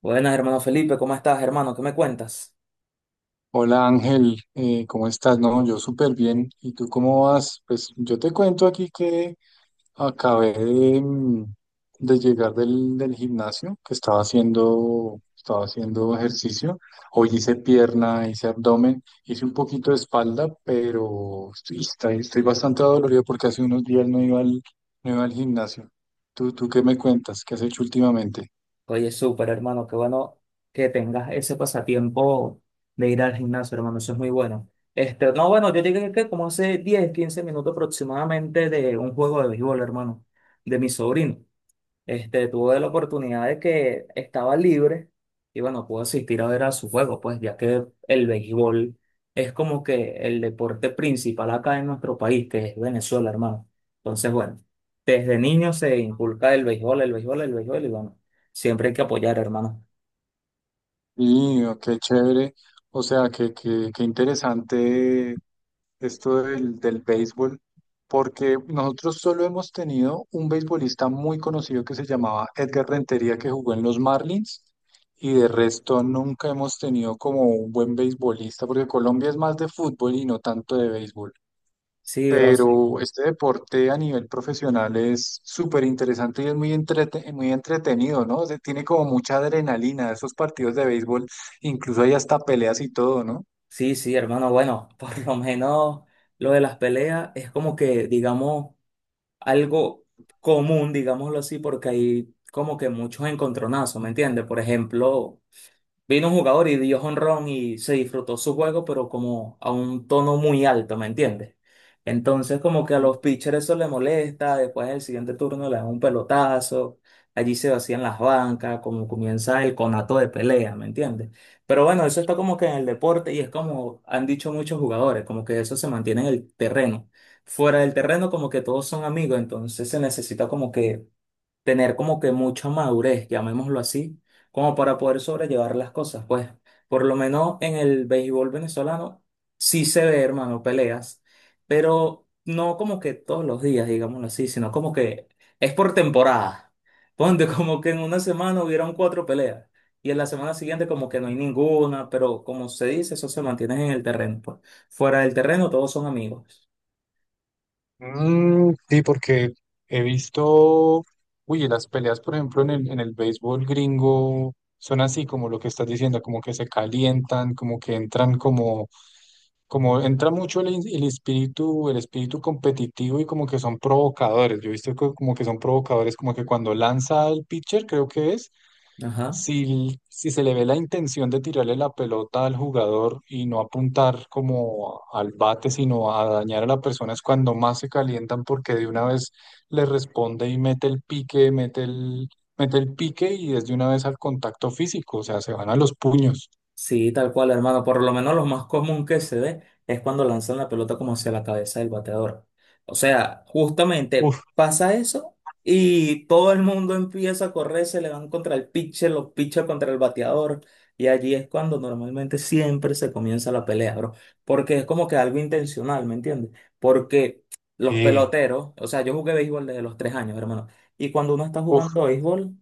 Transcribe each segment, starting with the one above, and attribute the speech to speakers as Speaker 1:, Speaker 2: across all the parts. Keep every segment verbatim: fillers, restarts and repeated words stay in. Speaker 1: Buenas, hermano Felipe, ¿cómo estás, hermano? ¿Qué me cuentas?
Speaker 2: Hola Ángel, eh, ¿cómo estás? No, yo súper bien. ¿Y tú cómo vas? Pues yo te cuento aquí que acabé de, mm, de llegar del, del gimnasio, que estaba haciendo, estaba haciendo ejercicio. Hoy hice pierna, hice abdomen, hice un poquito de espalda, pero estoy, estoy, estoy bastante dolorido porque hace unos días no iba al, no iba al gimnasio. ¿Tú, tú qué me cuentas? ¿Qué has hecho últimamente?
Speaker 1: Oye, súper, hermano, qué bueno que tengas ese pasatiempo de ir al gimnasio, hermano, eso es muy bueno. Este, no, bueno, yo llegué que como hace diez quince minutos aproximadamente de un juego de béisbol, hermano, de mi sobrino. Este, tuve la oportunidad de que estaba libre y bueno, pude asistir a ver a su juego, pues ya que el béisbol es como que el deporte principal acá en nuestro país, que es Venezuela, hermano. Entonces, bueno, desde niño se inculca el béisbol, el béisbol, el béisbol y bueno, siempre hay que apoyar, hermano.
Speaker 2: Y oh, qué chévere. O sea, qué, qué qué interesante esto del, del béisbol, porque nosotros solo hemos tenido un beisbolista muy conocido que se llamaba Edgar Rentería, que jugó en los Marlins, y de resto nunca hemos tenido como un buen beisbolista, porque Colombia es más de fútbol y no tanto de béisbol.
Speaker 1: Sí, bro, sí.
Speaker 2: Pero este deporte a nivel profesional es súper interesante y es muy, entrete- muy entretenido, ¿no? O sea, tiene como mucha adrenalina, esos partidos de béisbol, incluso hay hasta peleas y todo, ¿no?
Speaker 1: Sí, sí, hermano, bueno, por lo menos lo de las peleas es como que, digamos, algo común, digámoslo así, porque hay como que muchos encontronazos, ¿me entiendes? Por ejemplo, vino un jugador y dio jonrón y se disfrutó su juego, pero como a un tono muy alto, ¿me entiendes? Entonces, como que a los pitchers eso le molesta, después en el siguiente turno le dan un pelotazo, allí se vacían las bancas, como comienza el conato de pelea, ¿me entiendes? Pero bueno, eso está como que en el deporte y es como han dicho muchos jugadores, como que eso se mantiene en el terreno. Fuera del terreno, como que todos son amigos, entonces se necesita como que tener como que mucha madurez, llamémoslo así, como para poder sobrellevar las cosas. Pues por lo menos en el béisbol venezolano sí se ve, hermano, peleas, pero no como que todos los días, digámoslo así, sino como que es por temporada. Ponte como que en una semana hubieron cuatro peleas. Y en la semana siguiente como que no hay ninguna, pero como se dice, eso se mantiene en el terreno, pues. Fuera del terreno todos son amigos.
Speaker 2: Mm, sí, porque he visto, uy, las peleas, por ejemplo, en el, en el béisbol gringo son así como lo que estás diciendo, como que se calientan, como que entran como, como entra mucho el, in- el espíritu, el espíritu competitivo y como que son provocadores. Yo he visto que como que son provocadores, como que cuando lanza el pitcher, creo que es,
Speaker 1: Ajá.
Speaker 2: si, si se le ve la intención de tirarle la pelota al jugador y no apuntar como al bate, sino a dañar a la persona, es cuando más se calientan porque de una vez le responde y mete el pique, mete el, mete el pique y es de una vez al contacto físico, o sea, se van a los puños.
Speaker 1: Sí, tal cual, hermano. Por lo menos lo más común que se ve es cuando lanzan la pelota como hacia la cabeza del bateador. O sea, justamente
Speaker 2: Uf,
Speaker 1: pasa eso y todo el mundo empieza a correr, se le van contra el pitcher, los pitchers contra el bateador. Y allí es cuando normalmente siempre se comienza la pelea, bro. Porque es como que algo intencional, ¿me entiendes? Porque los
Speaker 2: eh,
Speaker 1: peloteros, o sea, yo jugué béisbol desde los tres años, hermano. Y cuando uno está
Speaker 2: uf,
Speaker 1: jugando béisbol,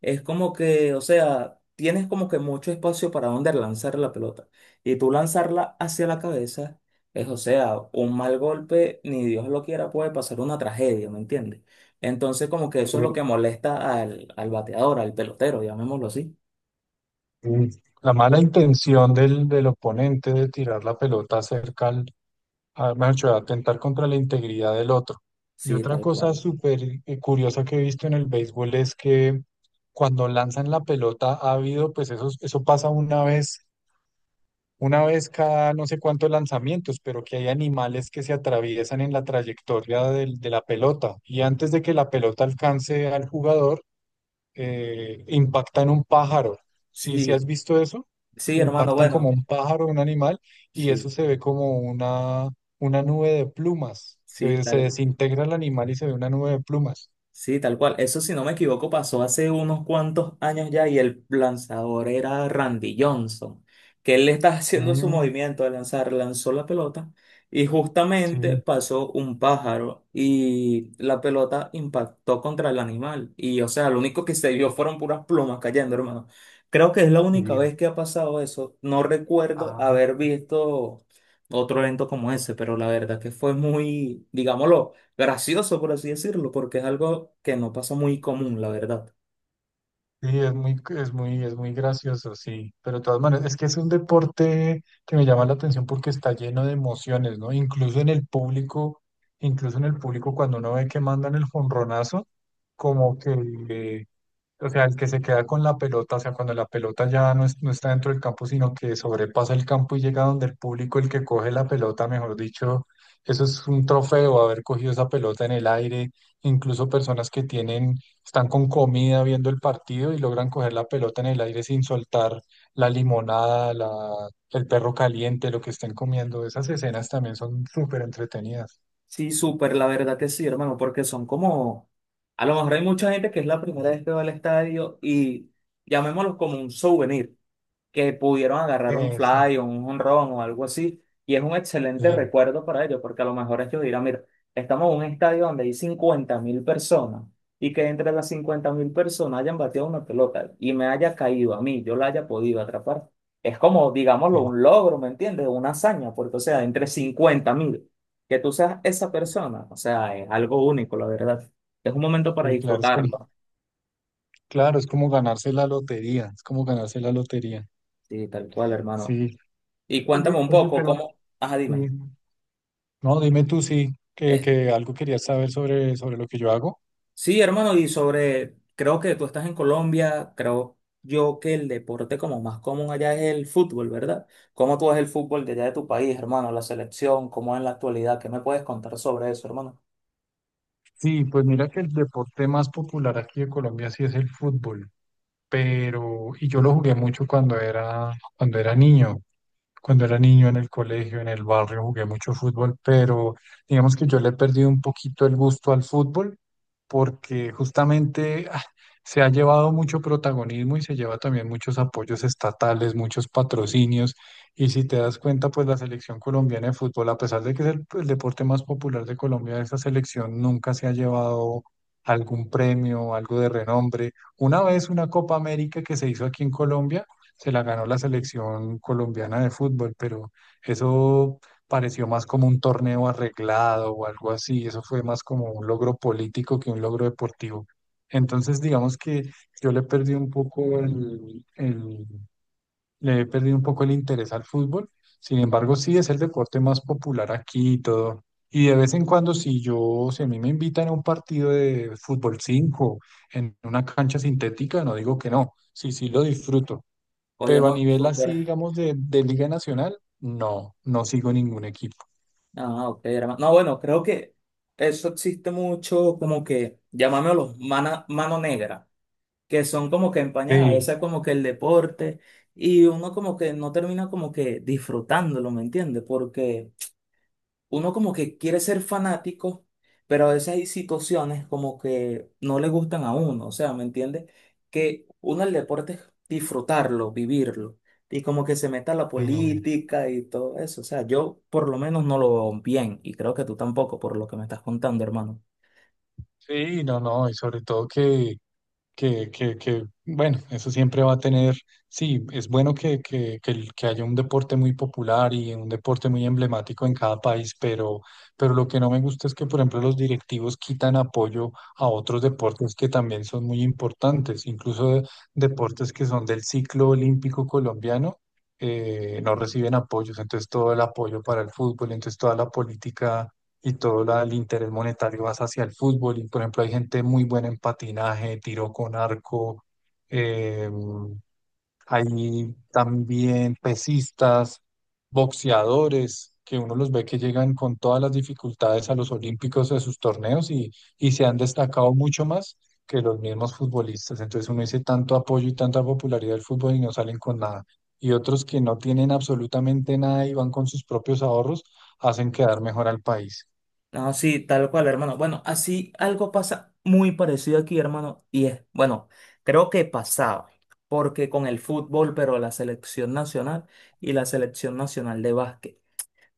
Speaker 1: es como que, o sea tienes como que mucho espacio para donde lanzar la pelota. Y tú lanzarla hacia la cabeza es, o sea, un mal golpe, ni Dios lo quiera, puede pasar una tragedia, ¿me entiendes? Entonces, como que eso es
Speaker 2: eh,
Speaker 1: lo que molesta al, al bateador, al pelotero, llamémoslo así.
Speaker 2: eh. La mala intención del, del oponente de tirar la pelota cerca al, a, mejor dicho, atentar contra la integridad del otro. Y
Speaker 1: Sí,
Speaker 2: otra
Speaker 1: tal
Speaker 2: cosa
Speaker 1: cual.
Speaker 2: súper eh, curiosa que he visto en el béisbol es que cuando lanzan la pelota ha habido, pues eso, eso pasa una vez, una vez cada no sé cuántos lanzamientos, pero que hay animales que se atraviesan en la trayectoria del- de la pelota. Y antes de que la pelota alcance al jugador, eh, impactan un pájaro. ¿Sí, sí has
Speaker 1: Sí,
Speaker 2: visto eso?
Speaker 1: sí, hermano,
Speaker 2: Impactan como
Speaker 1: bueno,
Speaker 2: un pájaro, un animal, y eso
Speaker 1: sí,
Speaker 2: se ve como una, una nube de plumas.
Speaker 1: sí,
Speaker 2: Se, se
Speaker 1: tal
Speaker 2: desintegra el animal y se ve una nube de plumas.
Speaker 1: sí, tal cual. Eso, si no me equivoco, pasó hace unos cuantos años ya y el lanzador era Randy Johnson, que él estaba haciendo su
Speaker 2: Mm,
Speaker 1: movimiento de lanzar, lanzó la pelota y justamente
Speaker 2: sí,
Speaker 1: pasó un pájaro y la pelota impactó contra el animal. Y, o sea, lo único que se vio fueron puras plumas cayendo, hermano. Creo que es la única
Speaker 2: sí.
Speaker 1: vez que ha pasado eso. No recuerdo
Speaker 2: Ah,
Speaker 1: haber visto otro evento como ese, pero la verdad que fue muy, digámoslo gracioso, por así decirlo, porque es algo que no pasa muy común, la verdad.
Speaker 2: sí, es muy, es muy, es muy gracioso, sí. Pero de todas maneras, es que es un deporte que me llama la atención porque está lleno de emociones, ¿no? Incluso en el público, incluso en el público, cuando uno ve que mandan el jonronazo, como que eh, o sea, el que se queda con la pelota, o sea, cuando la pelota ya no, es- no está dentro del campo, sino que sobrepasa el campo y llega donde el público, el que coge la pelota, mejor dicho, eso es un trofeo, haber cogido esa pelota en el aire. Incluso personas que tienen, están con comida viendo el partido y logran coger la pelota en el aire sin soltar la limonada, la, el perro caliente, lo que estén comiendo. Esas escenas también son súper entretenidas.
Speaker 1: Sí, súper, la verdad que sí, hermano, porque son como, a lo mejor hay mucha gente que es la primera vez que va al estadio y llamémoslo como un souvenir. Que pudieron agarrar un
Speaker 2: Eso,
Speaker 1: fly o un jonrón o algo así. Y es un excelente
Speaker 2: sí,
Speaker 1: recuerdo para ellos, porque a lo mejor ellos dirán, mira, estamos en un estadio donde hay cincuenta mil personas y que entre las cincuenta mil personas hayan bateado una pelota y me haya caído a mí, yo la haya podido atrapar. Es como,
Speaker 2: sí,
Speaker 1: digámoslo, un logro, ¿me entiendes? Una hazaña, porque o sea, entre cincuenta mil, que tú seas esa persona, o sea, es algo único, la verdad. Es un momento para
Speaker 2: sí, claro, es como
Speaker 1: disfrutarlo.
Speaker 2: claro, es como ganarse la lotería, es como ganarse la lotería.
Speaker 1: Sí, tal cual, hermano.
Speaker 2: Sí.
Speaker 1: Y cuéntame
Speaker 2: Oye,
Speaker 1: un
Speaker 2: oye,
Speaker 1: poco,
Speaker 2: pero
Speaker 1: ¿cómo? Ajá,
Speaker 2: sí.
Speaker 1: dime.
Speaker 2: No, dime tú sí, que, que algo querías saber sobre, sobre lo que yo hago.
Speaker 1: Sí, hermano, y sobre, creo que tú estás en Colombia, creo yo que el deporte como más común allá es el fútbol, ¿verdad? ¿Cómo tú ves el fútbol de allá de tu país, hermano? La selección, ¿cómo es en la actualidad? ¿Qué me puedes contar sobre eso, hermano?
Speaker 2: Sí, pues mira que el deporte más popular aquí de Colombia sí es el fútbol, pero, y yo lo jugué mucho cuando era, cuando era niño. Cuando era niño en el colegio, en el barrio, jugué mucho fútbol, pero digamos que yo le he perdido un poquito el gusto al fútbol porque justamente ah, se ha llevado mucho protagonismo y se lleva también muchos apoyos estatales, muchos patrocinios. Y si te das cuenta, pues la selección colombiana de fútbol, a pesar de que es el, el deporte más popular de Colombia, esa selección nunca se ha llevado algún premio, algo de renombre. Una vez una Copa América que se hizo aquí en Colombia se la ganó la selección colombiana de fútbol, pero eso pareció más como un torneo arreglado o algo así, eso fue más como un logro político que un logro deportivo. Entonces, digamos que yo le perdí un poco el, el- le he perdido un poco el interés al fútbol. Sin embargo, sí es el deporte más popular aquí y todo. Y de vez en cuando, si yo, si a mí me invitan a un partido de fútbol cinco en una cancha sintética, no digo que no. Sí, sí lo disfruto.
Speaker 1: Oye,
Speaker 2: Pero a
Speaker 1: no,
Speaker 2: nivel así,
Speaker 1: súper.
Speaker 2: digamos, de, de Liga Nacional, no, no sigo ningún equipo.
Speaker 1: Ah, ok, hermano. No, bueno, creo que eso existe mucho, como que, llamámoslo mana- mano negra, que son como que empañadas, a
Speaker 2: Sí,
Speaker 1: veces como que el deporte, y uno como que no termina como que disfrutándolo, ¿me entiendes? Porque uno como que quiere ser fanático, pero a veces hay situaciones como que no le gustan a uno, o sea, ¿me entiendes? Que uno el deporte es disfrutarlo, vivirlo, y como que se meta la
Speaker 2: sí,
Speaker 1: política y todo eso, o sea, yo por lo menos no lo veo bien, y creo que tú tampoco, por lo que me estás contando, hermano.
Speaker 2: sí, no, no, y sobre todo que que, que, que, bueno, eso siempre va a tener, sí, es bueno que, que, que el- que haya un deporte muy popular y un deporte muy emblemático en cada país, pero, pero lo que no me gusta es que, por ejemplo, los directivos quitan apoyo a otros deportes que también son muy importantes, incluso de- deportes que son del ciclo olímpico colombiano. eh, no reciben apoyos, entonces todo el apoyo para el fútbol, entonces toda la política y todo la- el interés monetario vas hacia el fútbol. Y por ejemplo, hay gente muy buena en patinaje, tiro con arco, eh, hay también pesistas, boxeadores, que uno los ve que llegan con todas las dificultades a los olímpicos de sus torneos y, y se han destacado mucho más que los mismos futbolistas. Entonces uno dice tanto apoyo y tanta popularidad del fútbol y no salen con nada. Y otros que no tienen absolutamente nada y van con sus propios ahorros, hacen quedar mejor al país.
Speaker 1: No, sí, tal cual, hermano. Bueno, así algo pasa muy parecido aquí, hermano, y es, bueno, creo que pasaba, porque con el fútbol, pero la selección nacional y la selección nacional de básquet.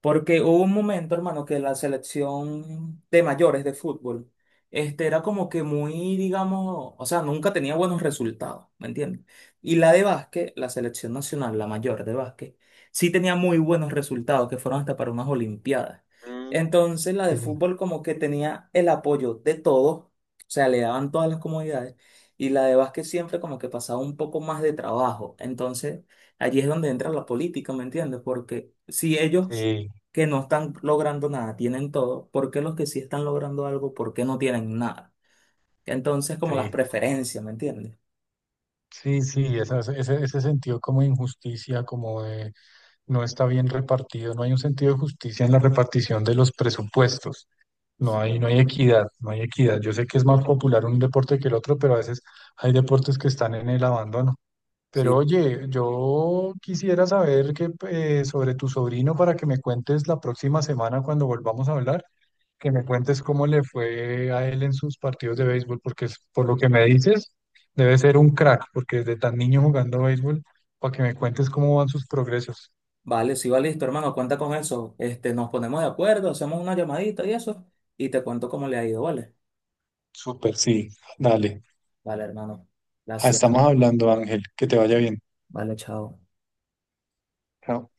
Speaker 1: Porque hubo un momento, hermano, que la selección de mayores de fútbol, este, era como que muy, digamos, o sea, nunca tenía buenos resultados, ¿me entiendes? Y la de básquet, la selección nacional, la mayor de básquet, sí tenía muy buenos resultados, que fueron hasta para unas olimpiadas. Entonces, la de
Speaker 2: Sí,
Speaker 1: fútbol como que tenía el apoyo de todos, o sea, le daban todas las comodidades, y la de básquet siempre como que pasaba un poco más de trabajo. Entonces, allí es donde entra la política, ¿me entiendes? Porque si ellos que no están logrando nada, tienen todo, ¿por qué los que sí están logrando algo, por qué no tienen nada? Entonces, como las
Speaker 2: sí,
Speaker 1: preferencias, ¿me entiendes?
Speaker 2: sí, sí, esa- ese, ese sentido como de injusticia, como de no está bien repartido, no hay un sentido de justicia en la repartición de los presupuestos, no hay, no hay equidad, no hay equidad. Yo sé que es más popular un deporte que el otro, pero a veces hay deportes que están en el abandono. Pero
Speaker 1: Sí,
Speaker 2: oye, yo quisiera saber que, eh, sobre tu sobrino para que me cuentes la próxima semana cuando volvamos a hablar. Que me cuentes cómo le fue a él en sus partidos de béisbol, porque es- por lo que me dices, debe ser un crack, porque desde tan niño jugando béisbol, para que me cuentes cómo van sus progresos.
Speaker 1: vale, sí, vale, listo, hermano, cuenta con eso. Este, nos ponemos de acuerdo, hacemos una llamadita y eso, y te cuento cómo le ha ido, ¿vale?
Speaker 2: Súper, sí, dale.
Speaker 1: Vale, hermano,
Speaker 2: Ah,
Speaker 1: gracias.
Speaker 2: estamos hablando, Ángel, que te vaya bien.
Speaker 1: Vale, chao.
Speaker 2: Chao.